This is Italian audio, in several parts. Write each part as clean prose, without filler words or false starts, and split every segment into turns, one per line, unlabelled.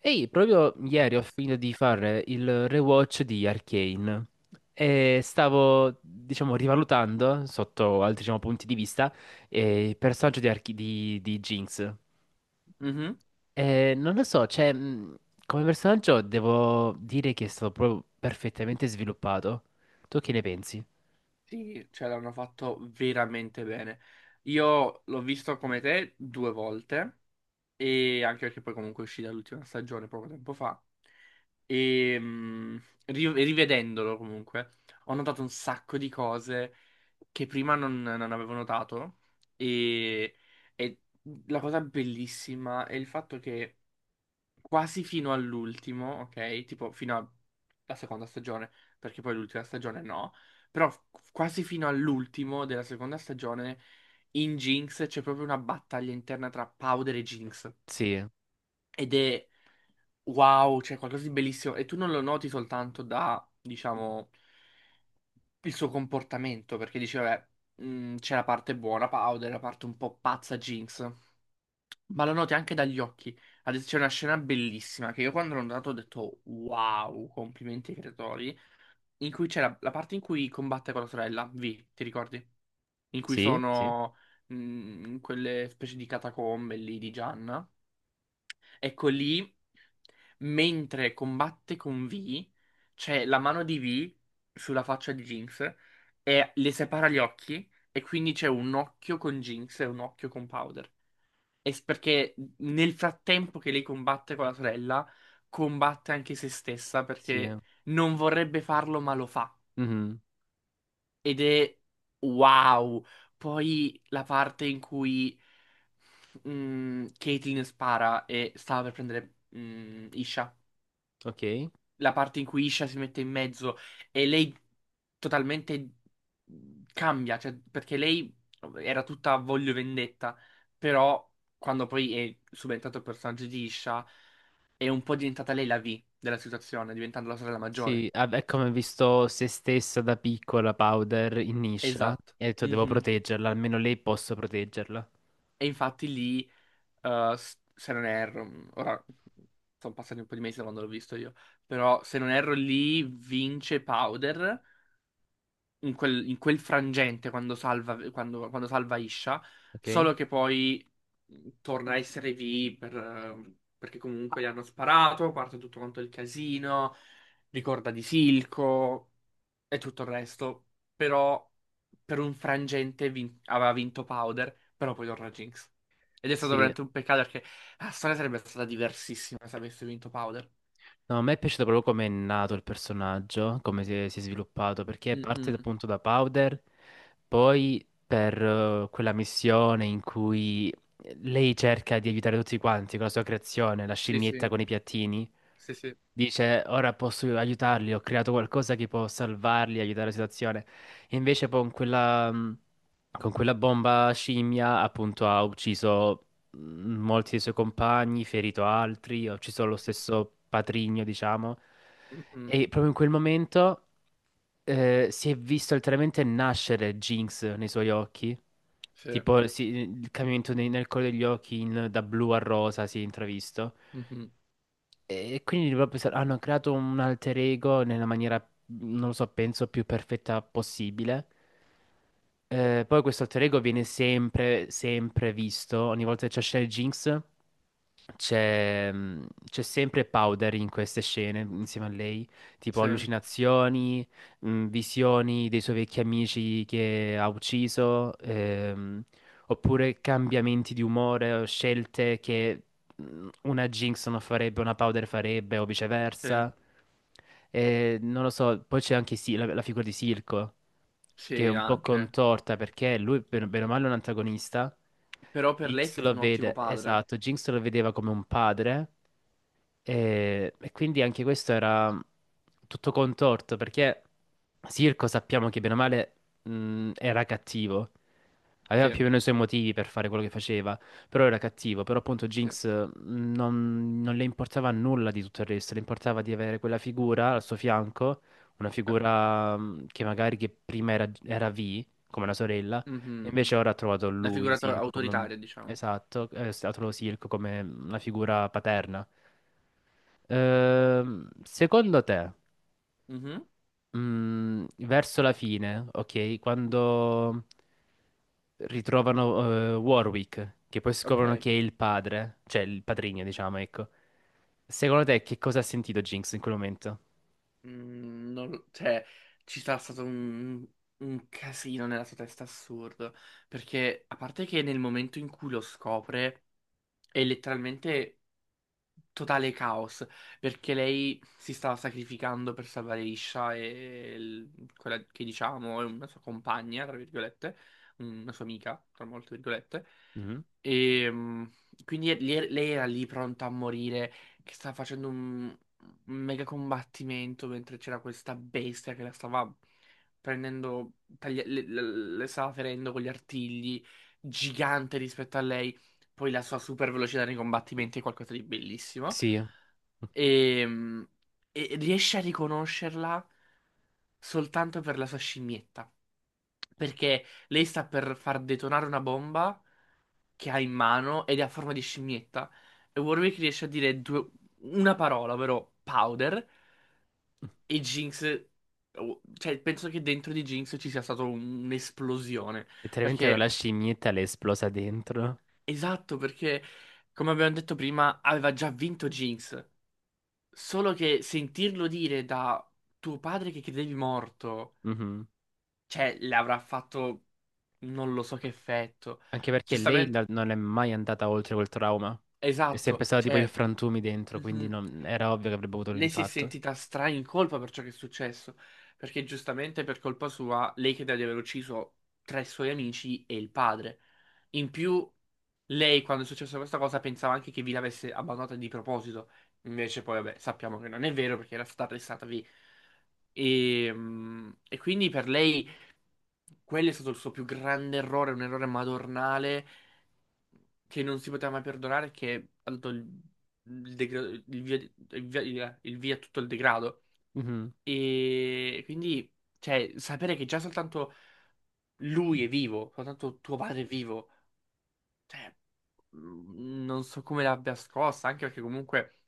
Ehi, proprio ieri ho finito di fare il rewatch di Arcane e stavo, diciamo, rivalutando sotto altri, diciamo, punti di vista il personaggio di, di Jinx.
Mhm.
E non lo so, cioè, come personaggio devo dire che è stato proprio perfettamente sviluppato. Tu che ne pensi?
Sì, ce l'hanno fatto veramente bene. Io l'ho visto come te due volte, e anche perché poi comunque è uscita l'ultima stagione poco tempo fa. E rivedendolo comunque, ho notato un sacco di cose che prima non avevo notato. E, e la cosa bellissima è il fatto che quasi fino all'ultimo, ok? Tipo fino alla seconda stagione, perché poi l'ultima stagione no, però quasi fino all'ultimo della seconda stagione in Jinx c'è proprio una battaglia interna tra Powder e Jinx.
Sì,
Ed è wow, c'è qualcosa di bellissimo, e tu non lo noti soltanto da, diciamo, il suo comportamento, perché dice, vabbè, c'è la parte buona Powder, la parte un po' pazza Jinx, ma lo noti anche dagli occhi. Adesso c'è una scena bellissima che io, quando l'ho notato, ho detto wow, complimenti ai creatori, in cui c'è la parte in cui combatte con la sorella, V, ti ricordi? In cui
sì, sì,
sono mh, in quelle specie di catacombe lì di Gianna. Ecco lì, mentre combatte con V, c'è la mano di V sulla faccia di Jinx e le separa gli occhi, e quindi c'è un occhio con Jinx e un occhio con Powder. Perché nel frattempo che lei combatte con la sorella, combatte anche se stessa,
sì.
perché non vorrebbe farlo, ma lo fa.
Mhm.
Ed è wow. Poi la parte in cui Caitlyn spara e stava per prendere Isha.
Ok.
La parte in cui Isha si mette in mezzo e lei totalmente cambia, cioè, perché lei era tutta a voglio vendetta, però quando poi è subentrato il personaggio di Isha è un po' diventata lei la V della situazione, diventando la sorella maggiore.
Sì, ah, è come ho visto se stessa da piccola Powder in Nisha
Esatto.
e ho detto devo
Mhm.
proteggerla, almeno lei posso proteggerla,
E infatti lì, se non erro, ora sono passati un po' di mesi da quando l'ho visto io, però se non erro lì vince Powder in quel frangente, quando salva, quando salva Isha,
ok?
solo che poi torna a essere V per, perché comunque gli hanno sparato, parte tutto quanto il casino, ricorda di Silco e tutto il resto, però per un frangente aveva vinto Powder, però poi torna Jinx. Ed è stato
Sì.
veramente un peccato, perché la storia sarebbe stata diversissima se avesse vinto Powder.
No, a me è piaciuto proprio come è nato il personaggio, come si è sviluppato, perché parte
Mhm.
appunto da Powder, poi per quella missione in cui lei cerca di aiutare tutti quanti con la sua creazione, la
Sì, sì,
scimmietta con i piattini,
sì, sì.
dice ora posso aiutarli, ho creato qualcosa che può salvarli, aiutare la situazione. E invece poi con quella, con quella bomba scimmia appunto ha ucciso mh, molti dei suoi compagni, ferito altri, ha ucciso lo stesso patrigno, diciamo.
Mhm.
E proprio in quel momento si è visto letteralmente nascere Jinx nei suoi occhi.
Sì.
Tipo il cambiamento nel colore degli occhi da blu a rosa si è intravisto.
Mhm.
E quindi proprio pensare, hanno creato un alter ego nella maniera, non lo so, penso più perfetta possibile. Poi questo alter ego viene sempre, sempre visto. Ogni volta che c'è scena di Jinx, c'è mm, c'è sempre Powder in queste scene insieme a lei. Tipo
Sì.
allucinazioni, visioni dei suoi vecchi amici che ha ucciso. Oppure cambiamenti di umore o scelte che una Jinx non farebbe, una Powder farebbe o
Sì,
viceversa. E non lo so, poi c'è anche la, la figura di Silco, che è
sì,
un po'
anche.
contorta perché lui, bene bene o male, è un antagonista.
Però per lei è
Jinx
stato
lo
un ottimo
vede,
padre.
esatto, Jinx lo vedeva come un padre, e quindi anche questo era tutto contorto perché Sirco sappiamo che bene o male era cattivo, aveva
Sì,
più o meno i suoi motivi per fare quello che faceva, però era cattivo, però appunto
sì.
Jinx non, non le importava nulla di tutto il resto, le importava di avere quella figura al suo fianco, una
Beh,
figura che magari che prima era, era V, come la sorella, e
mhm.
invece ora ha trovato
Una
lui,
figura
Sirco, come un...
autoritaria, diciamo.
Esatto, ha trovato Silco come una figura paterna. Secondo te,
Mhm.
verso la fine, ok, quando ritrovano Warwick, che poi
Ok.
scoprono che è il padre, cioè il padrigno, diciamo, ecco. Secondo te, che cosa ha sentito Jinx in quel momento?
Non cioè, ci sarà stato un casino nella sua testa assurdo. Perché, a parte che nel momento in cui lo scopre, è letteralmente totale caos, perché lei si stava sacrificando per salvare Isha e quella che diciamo è una sua compagna, tra virgolette, una sua amica, tra molte virgolette.
Mhm.
E quindi lei era lì pronta a morire, che stava facendo un mega combattimento mentre c'era questa bestia che la stava prendendo, taglia- le, le- le stava ferendo con gli artigli, gigante rispetto a lei. Poi la sua super velocità nei combattimenti è qualcosa di bellissimo.
Sì.
E, e riesce a riconoscerla soltanto per la sua scimmietta. Perché lei sta per far detonare una bomba che ha in mano, ed è a forma di scimmietta. E Warwick riesce a dire una parola, ovvero powder. E Jinx, oh, cioè, penso che dentro di Jinx ci sia stata un'esplosione.
Letteralmente
Perché
la scimmietta le è esplosa dentro.
Esatto, perché come abbiamo detto prima, aveva già vinto Jinx. Solo che sentirlo dire da tuo padre che credevi morto,
Mhm.
cioè, le avrà fatto non lo so che effetto.
Anche perché lei
Giustamente,
non è mai andata oltre quel trauma. È
esatto,
sempre stata tipo in
cioè,
frantumi dentro, quindi
mhm,
era ovvio che avrebbe avuto un
lei si è
impatto.
sentita stra in colpa per ciò che è successo. Perché giustamente per colpa sua, lei crede di aver ucciso tre suoi amici e il padre. In più. Lei, quando è successa questa cosa, pensava anche che vi l'avesse abbandonata di proposito. Invece, poi, vabbè, sappiamo che non è vero, perché era stata arrestata lì. E quindi per lei quello è stato il suo più grande errore, un errore madornale che non si poteva mai perdonare, che ha dato il degra- il via, il via- il via a tutto il degrado.
Mhm.
E quindi, cioè, sapere che già soltanto lui è vivo, soltanto tuo padre è vivo, cioè, mh, non so come l'abbia scossa, anche perché comunque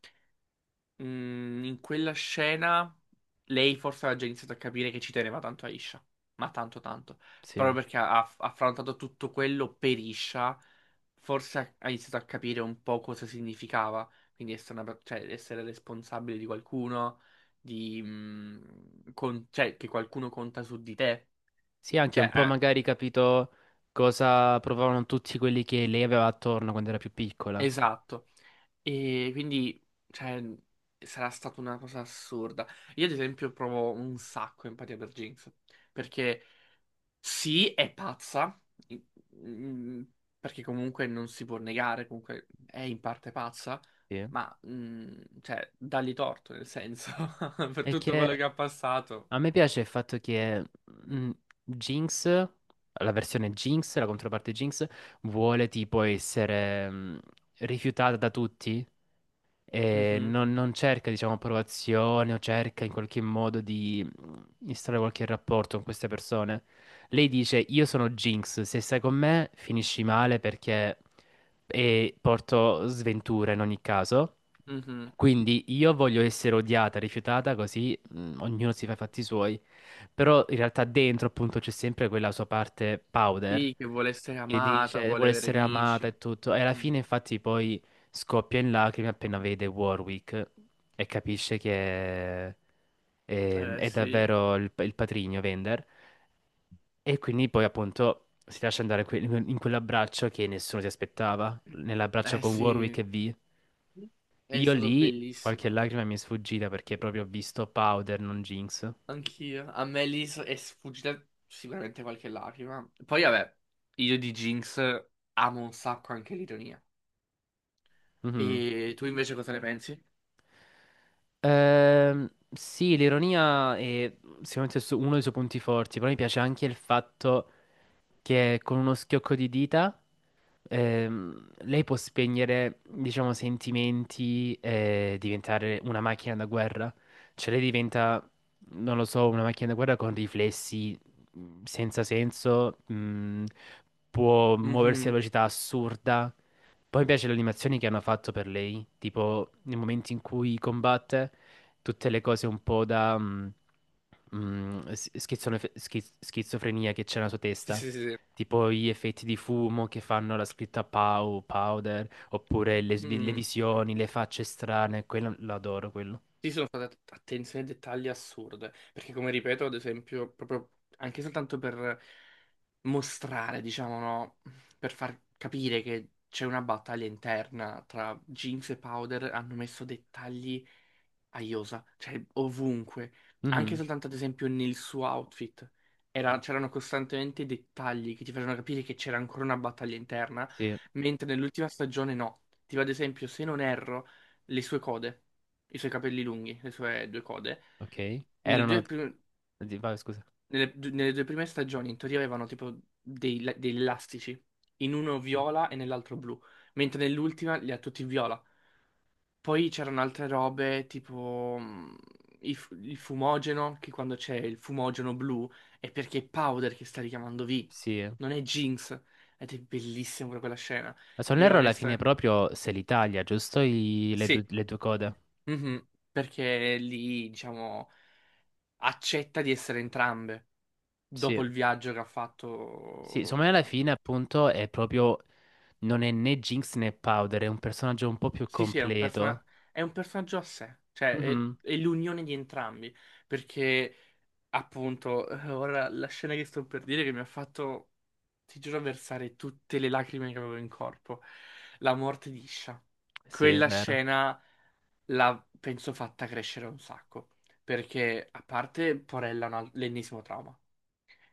mh, in quella scena lei forse aveva già iniziato a capire che ci teneva tanto a Isha, ma tanto tanto,
Sì.
proprio perché ha affrontato tutto quello per Isha, forse ha iniziato a capire un po' cosa significava, quindi essere, cioè, essere responsabile di qualcuno, di, cioè, che qualcuno conta su di te,
Sì, anche
cioè,
un po' magari capito cosa provavano tutti quelli che lei aveva attorno quando era più piccola.
esatto. E quindi, cioè, sarà stata una cosa assurda. Io, ad esempio, provo un sacco empatia per Jinx. Perché sì, è pazza, in- in- perché comunque non si può negare, comunque è in parte pazza,
Sì.
ma, cioè, dagli torto, nel senso, per
E
tutto quello
che
che ha passato.
a me piace il fatto che Jinx, la versione Jinx, la controparte Jinx, vuole tipo essere rifiutata da tutti. E
Mhm,
non, non cerca, diciamo, approvazione o cerca in qualche modo di instaurare qualche rapporto con queste persone. Lei dice: Io sono Jinx, se stai con me finisci male perché e porto sventura in ogni caso.
mhm.
Quindi io voglio essere odiata, rifiutata, così ognuno si fa i fatti suoi. Però in realtà dentro appunto c'è sempre quella sua parte powder
Sì, che vuole essere
che
amata,
dice
vuole
vuole
avere
essere amata
amici.
e tutto. E alla
Mhm.
fine infatti poi scoppia in lacrime appena vede Warwick e capisce che
Eh
è
sì,
davvero il patrigno Vender. E quindi poi appunto si lascia andare in quell'abbraccio che nessuno si aspettava, nell'abbraccio
eh
con Warwick
sì,
e V.
è
Io
stato
lì qualche
bellissimo.
lacrima mi è sfuggita perché proprio ho visto powder, non Jinx.
Anch'io. A me lì è sfuggita sicuramente qualche lacrima. Poi vabbè, io di Jinx amo un sacco anche l'ironia. E
Mhm.
tu invece cosa ne pensi?
Sì, l'ironia è sicuramente uno dei suoi punti forti, però mi piace anche il fatto che con uno schiocco di dita lei può spegnere, diciamo, sentimenti e diventare una macchina da guerra. Cioè lei diventa, non lo so, una macchina da guerra con riflessi senza senso, può muoversi a
Mhm.
velocità assurda. Poi mi piace le animazioni che hanno fatto per lei, tipo nei momenti in cui combatte, tutte le cose un po' da... schizofrenia che c'è nella sua
Sì,
testa
sì, sì.
tipo gli effetti di fumo che fanno la scritta Pow, Powder,
Sì,
oppure le, le
mm.
visioni, le facce strane, quello l'adoro, quello.
Sì, sono state attenzioni ai dettagli assurde. Perché come ripeto, ad esempio, proprio anche soltanto per mostrare, diciamo, no? Per far capire che c'è una battaglia interna tra Jinx e Powder, hanno messo dettagli a Iosa, cioè ovunque, anche
Mhm.
soltanto ad esempio nel suo outfit. C'erano costantemente dettagli che ti facevano capire che c'era ancora una battaglia interna,
Sì,
mentre nell'ultima stagione no. Tipo ad esempio, se non erro, le sue code, i suoi capelli lunghi, le sue due code,
ok.
nelle
Erano...
due, prim-
Vai, scusa.
nelle due prime stagioni in teoria avevano tipo degli elastici, in uno viola e nell'altro blu, mentre nell'ultima li ha tutti viola. Poi c'erano altre robe tipo il fumogeno, che quando c'è il fumogeno blu è perché è Powder che sta richiamando V,
Sì. Eh.
non è Jinx. Ed è bellissima pure quella scena.
Ma se non
Io
erro alla fine
onestamente.
proprio se l'Italia, giusto? Due
Sì,
le due code.
mhm, perché lì, diciamo, accetta di essere entrambe
Sì.
dopo il viaggio che ha
Sì,
fatto.
secondo me alla fine appunto è proprio... Non è né Jinx né Powder, è un personaggio un po' più
Sì, sì, è un,
completo.
è un personaggio a sé, cioè è
Mhm.
è l'unione di entrambi, perché appunto, ora la scena che sto per dire che mi ha fatto, ti giuro, versare tutte le lacrime che avevo in corpo. La morte di Isha.
Sì, è
Quella
vero.
scena l'ha, penso, fatta crescere un sacco. Perché, a parte, porella, l'ennesimo trauma.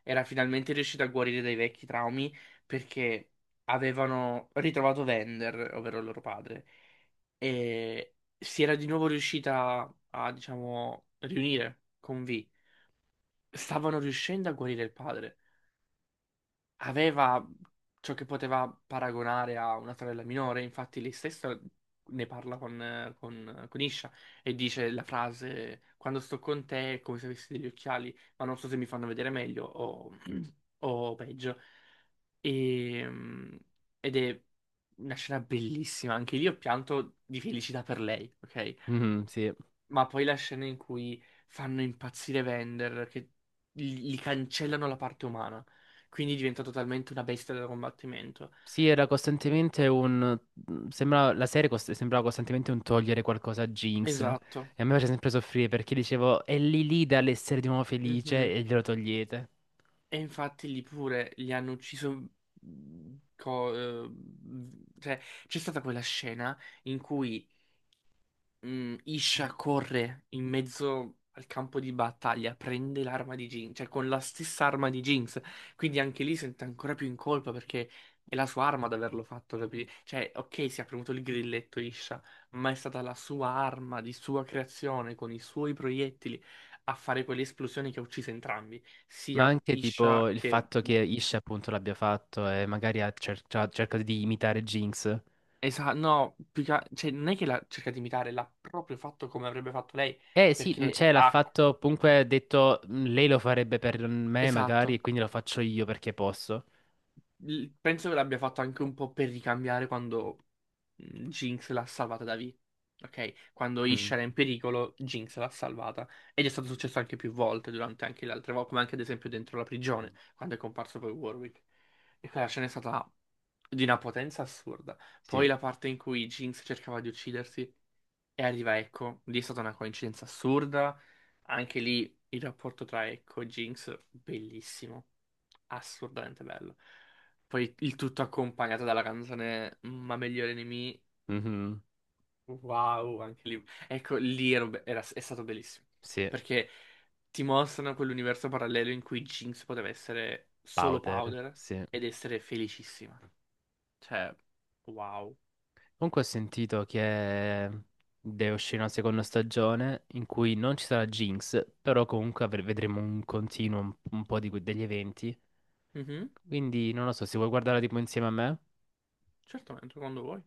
Era finalmente riuscita a guarire dai vecchi traumi, perché avevano ritrovato Vender, ovvero il loro padre, e si era di nuovo riuscita a, diciamo, riunire con V. Stavano riuscendo a guarire il padre. Aveva ciò che poteva paragonare a una sorella minore, infatti lei stessa ne parla con Isha e dice la frase: Quando sto con te è come se avessi degli occhiali, ma non so se mi fanno vedere meglio o peggio. E, mm, ed è una scena bellissima. Anche lì ho pianto di felicità per lei, ok?
Mhm, sì.
Ma poi la scena in cui fanno impazzire Vander, che gli cancellano la parte umana, quindi diventa totalmente una bestia da combattimento.
Sì, era costantemente un... sembrava costantemente un togliere qualcosa a Jinx. E
Esatto.
a me faceva sempre soffrire perché dicevo, è lì lì dall'essere di nuovo
Mhm.
felice e glielo togliete.
E infatti lì pure li hanno ucciso. co- eh, cioè, c'è stata quella scena in cui Isha corre in mezzo al campo di battaglia, prende l'arma di Jinx, cioè con la stessa arma di Jinx, quindi anche lì sente ancora più in colpa perché è la sua arma ad averlo fatto, capi? Cioè, ok, si è premuto il grilletto Isha, ma è stata la sua arma di sua creazione, con i suoi proiettili, a fare quelle esplosioni che ha ucciso entrambi,
Ma
sia
anche tipo
Isha
il
che.
fatto che Ish appunto l'abbia fatto e magari ha cercato di imitare Jinx.
Esatto, no, cioè, non è che l'ha cercato di imitare, l'ha proprio fatto come avrebbe fatto lei,
Eh sì, mm,
perché
cioè l'ha
ha...
fatto, comunque ha detto, "Mm, lei lo farebbe per me magari
Esatto.
e quindi lo faccio io perché posso."
Penso che l'abbia fatto anche un po' per ricambiare quando Jinx l'ha salvata da V. Ok? Quando
Mhm.
Ish era in pericolo, Jinx l'ha salvata. Ed è stato successo anche più volte, durante anche le altre volte, come anche ad esempio dentro la prigione, quando è comparso poi Warwick. E quella scena è stata di una potenza assurda.
Sì.
Poi la parte in cui Jinx cercava di uccidersi e arriva Echo, lì è stata una coincidenza assurda. Anche lì il rapporto tra Echo e Jinx, bellissimo, assurdamente bello. Poi il tutto accompagnato dalla canzone Ma meglio nemici.
Mhm,
Wow, anche lì. Ecco, lì è stato bellissimo.
sì,
Perché ti mostrano quell'universo parallelo in cui Jinx poteva essere solo
powder,
Powder
sì.
ed essere felicissima. Cioè, wow.
Comunque ho sentito che deve uscire una seconda stagione in cui non ci sarà Jinx, però comunque vedremo un continuo un po' di degli eventi.
Mhm,
Quindi non lo so, se vuoi guardarla tipo insieme a me.
certamente, quando vuoi.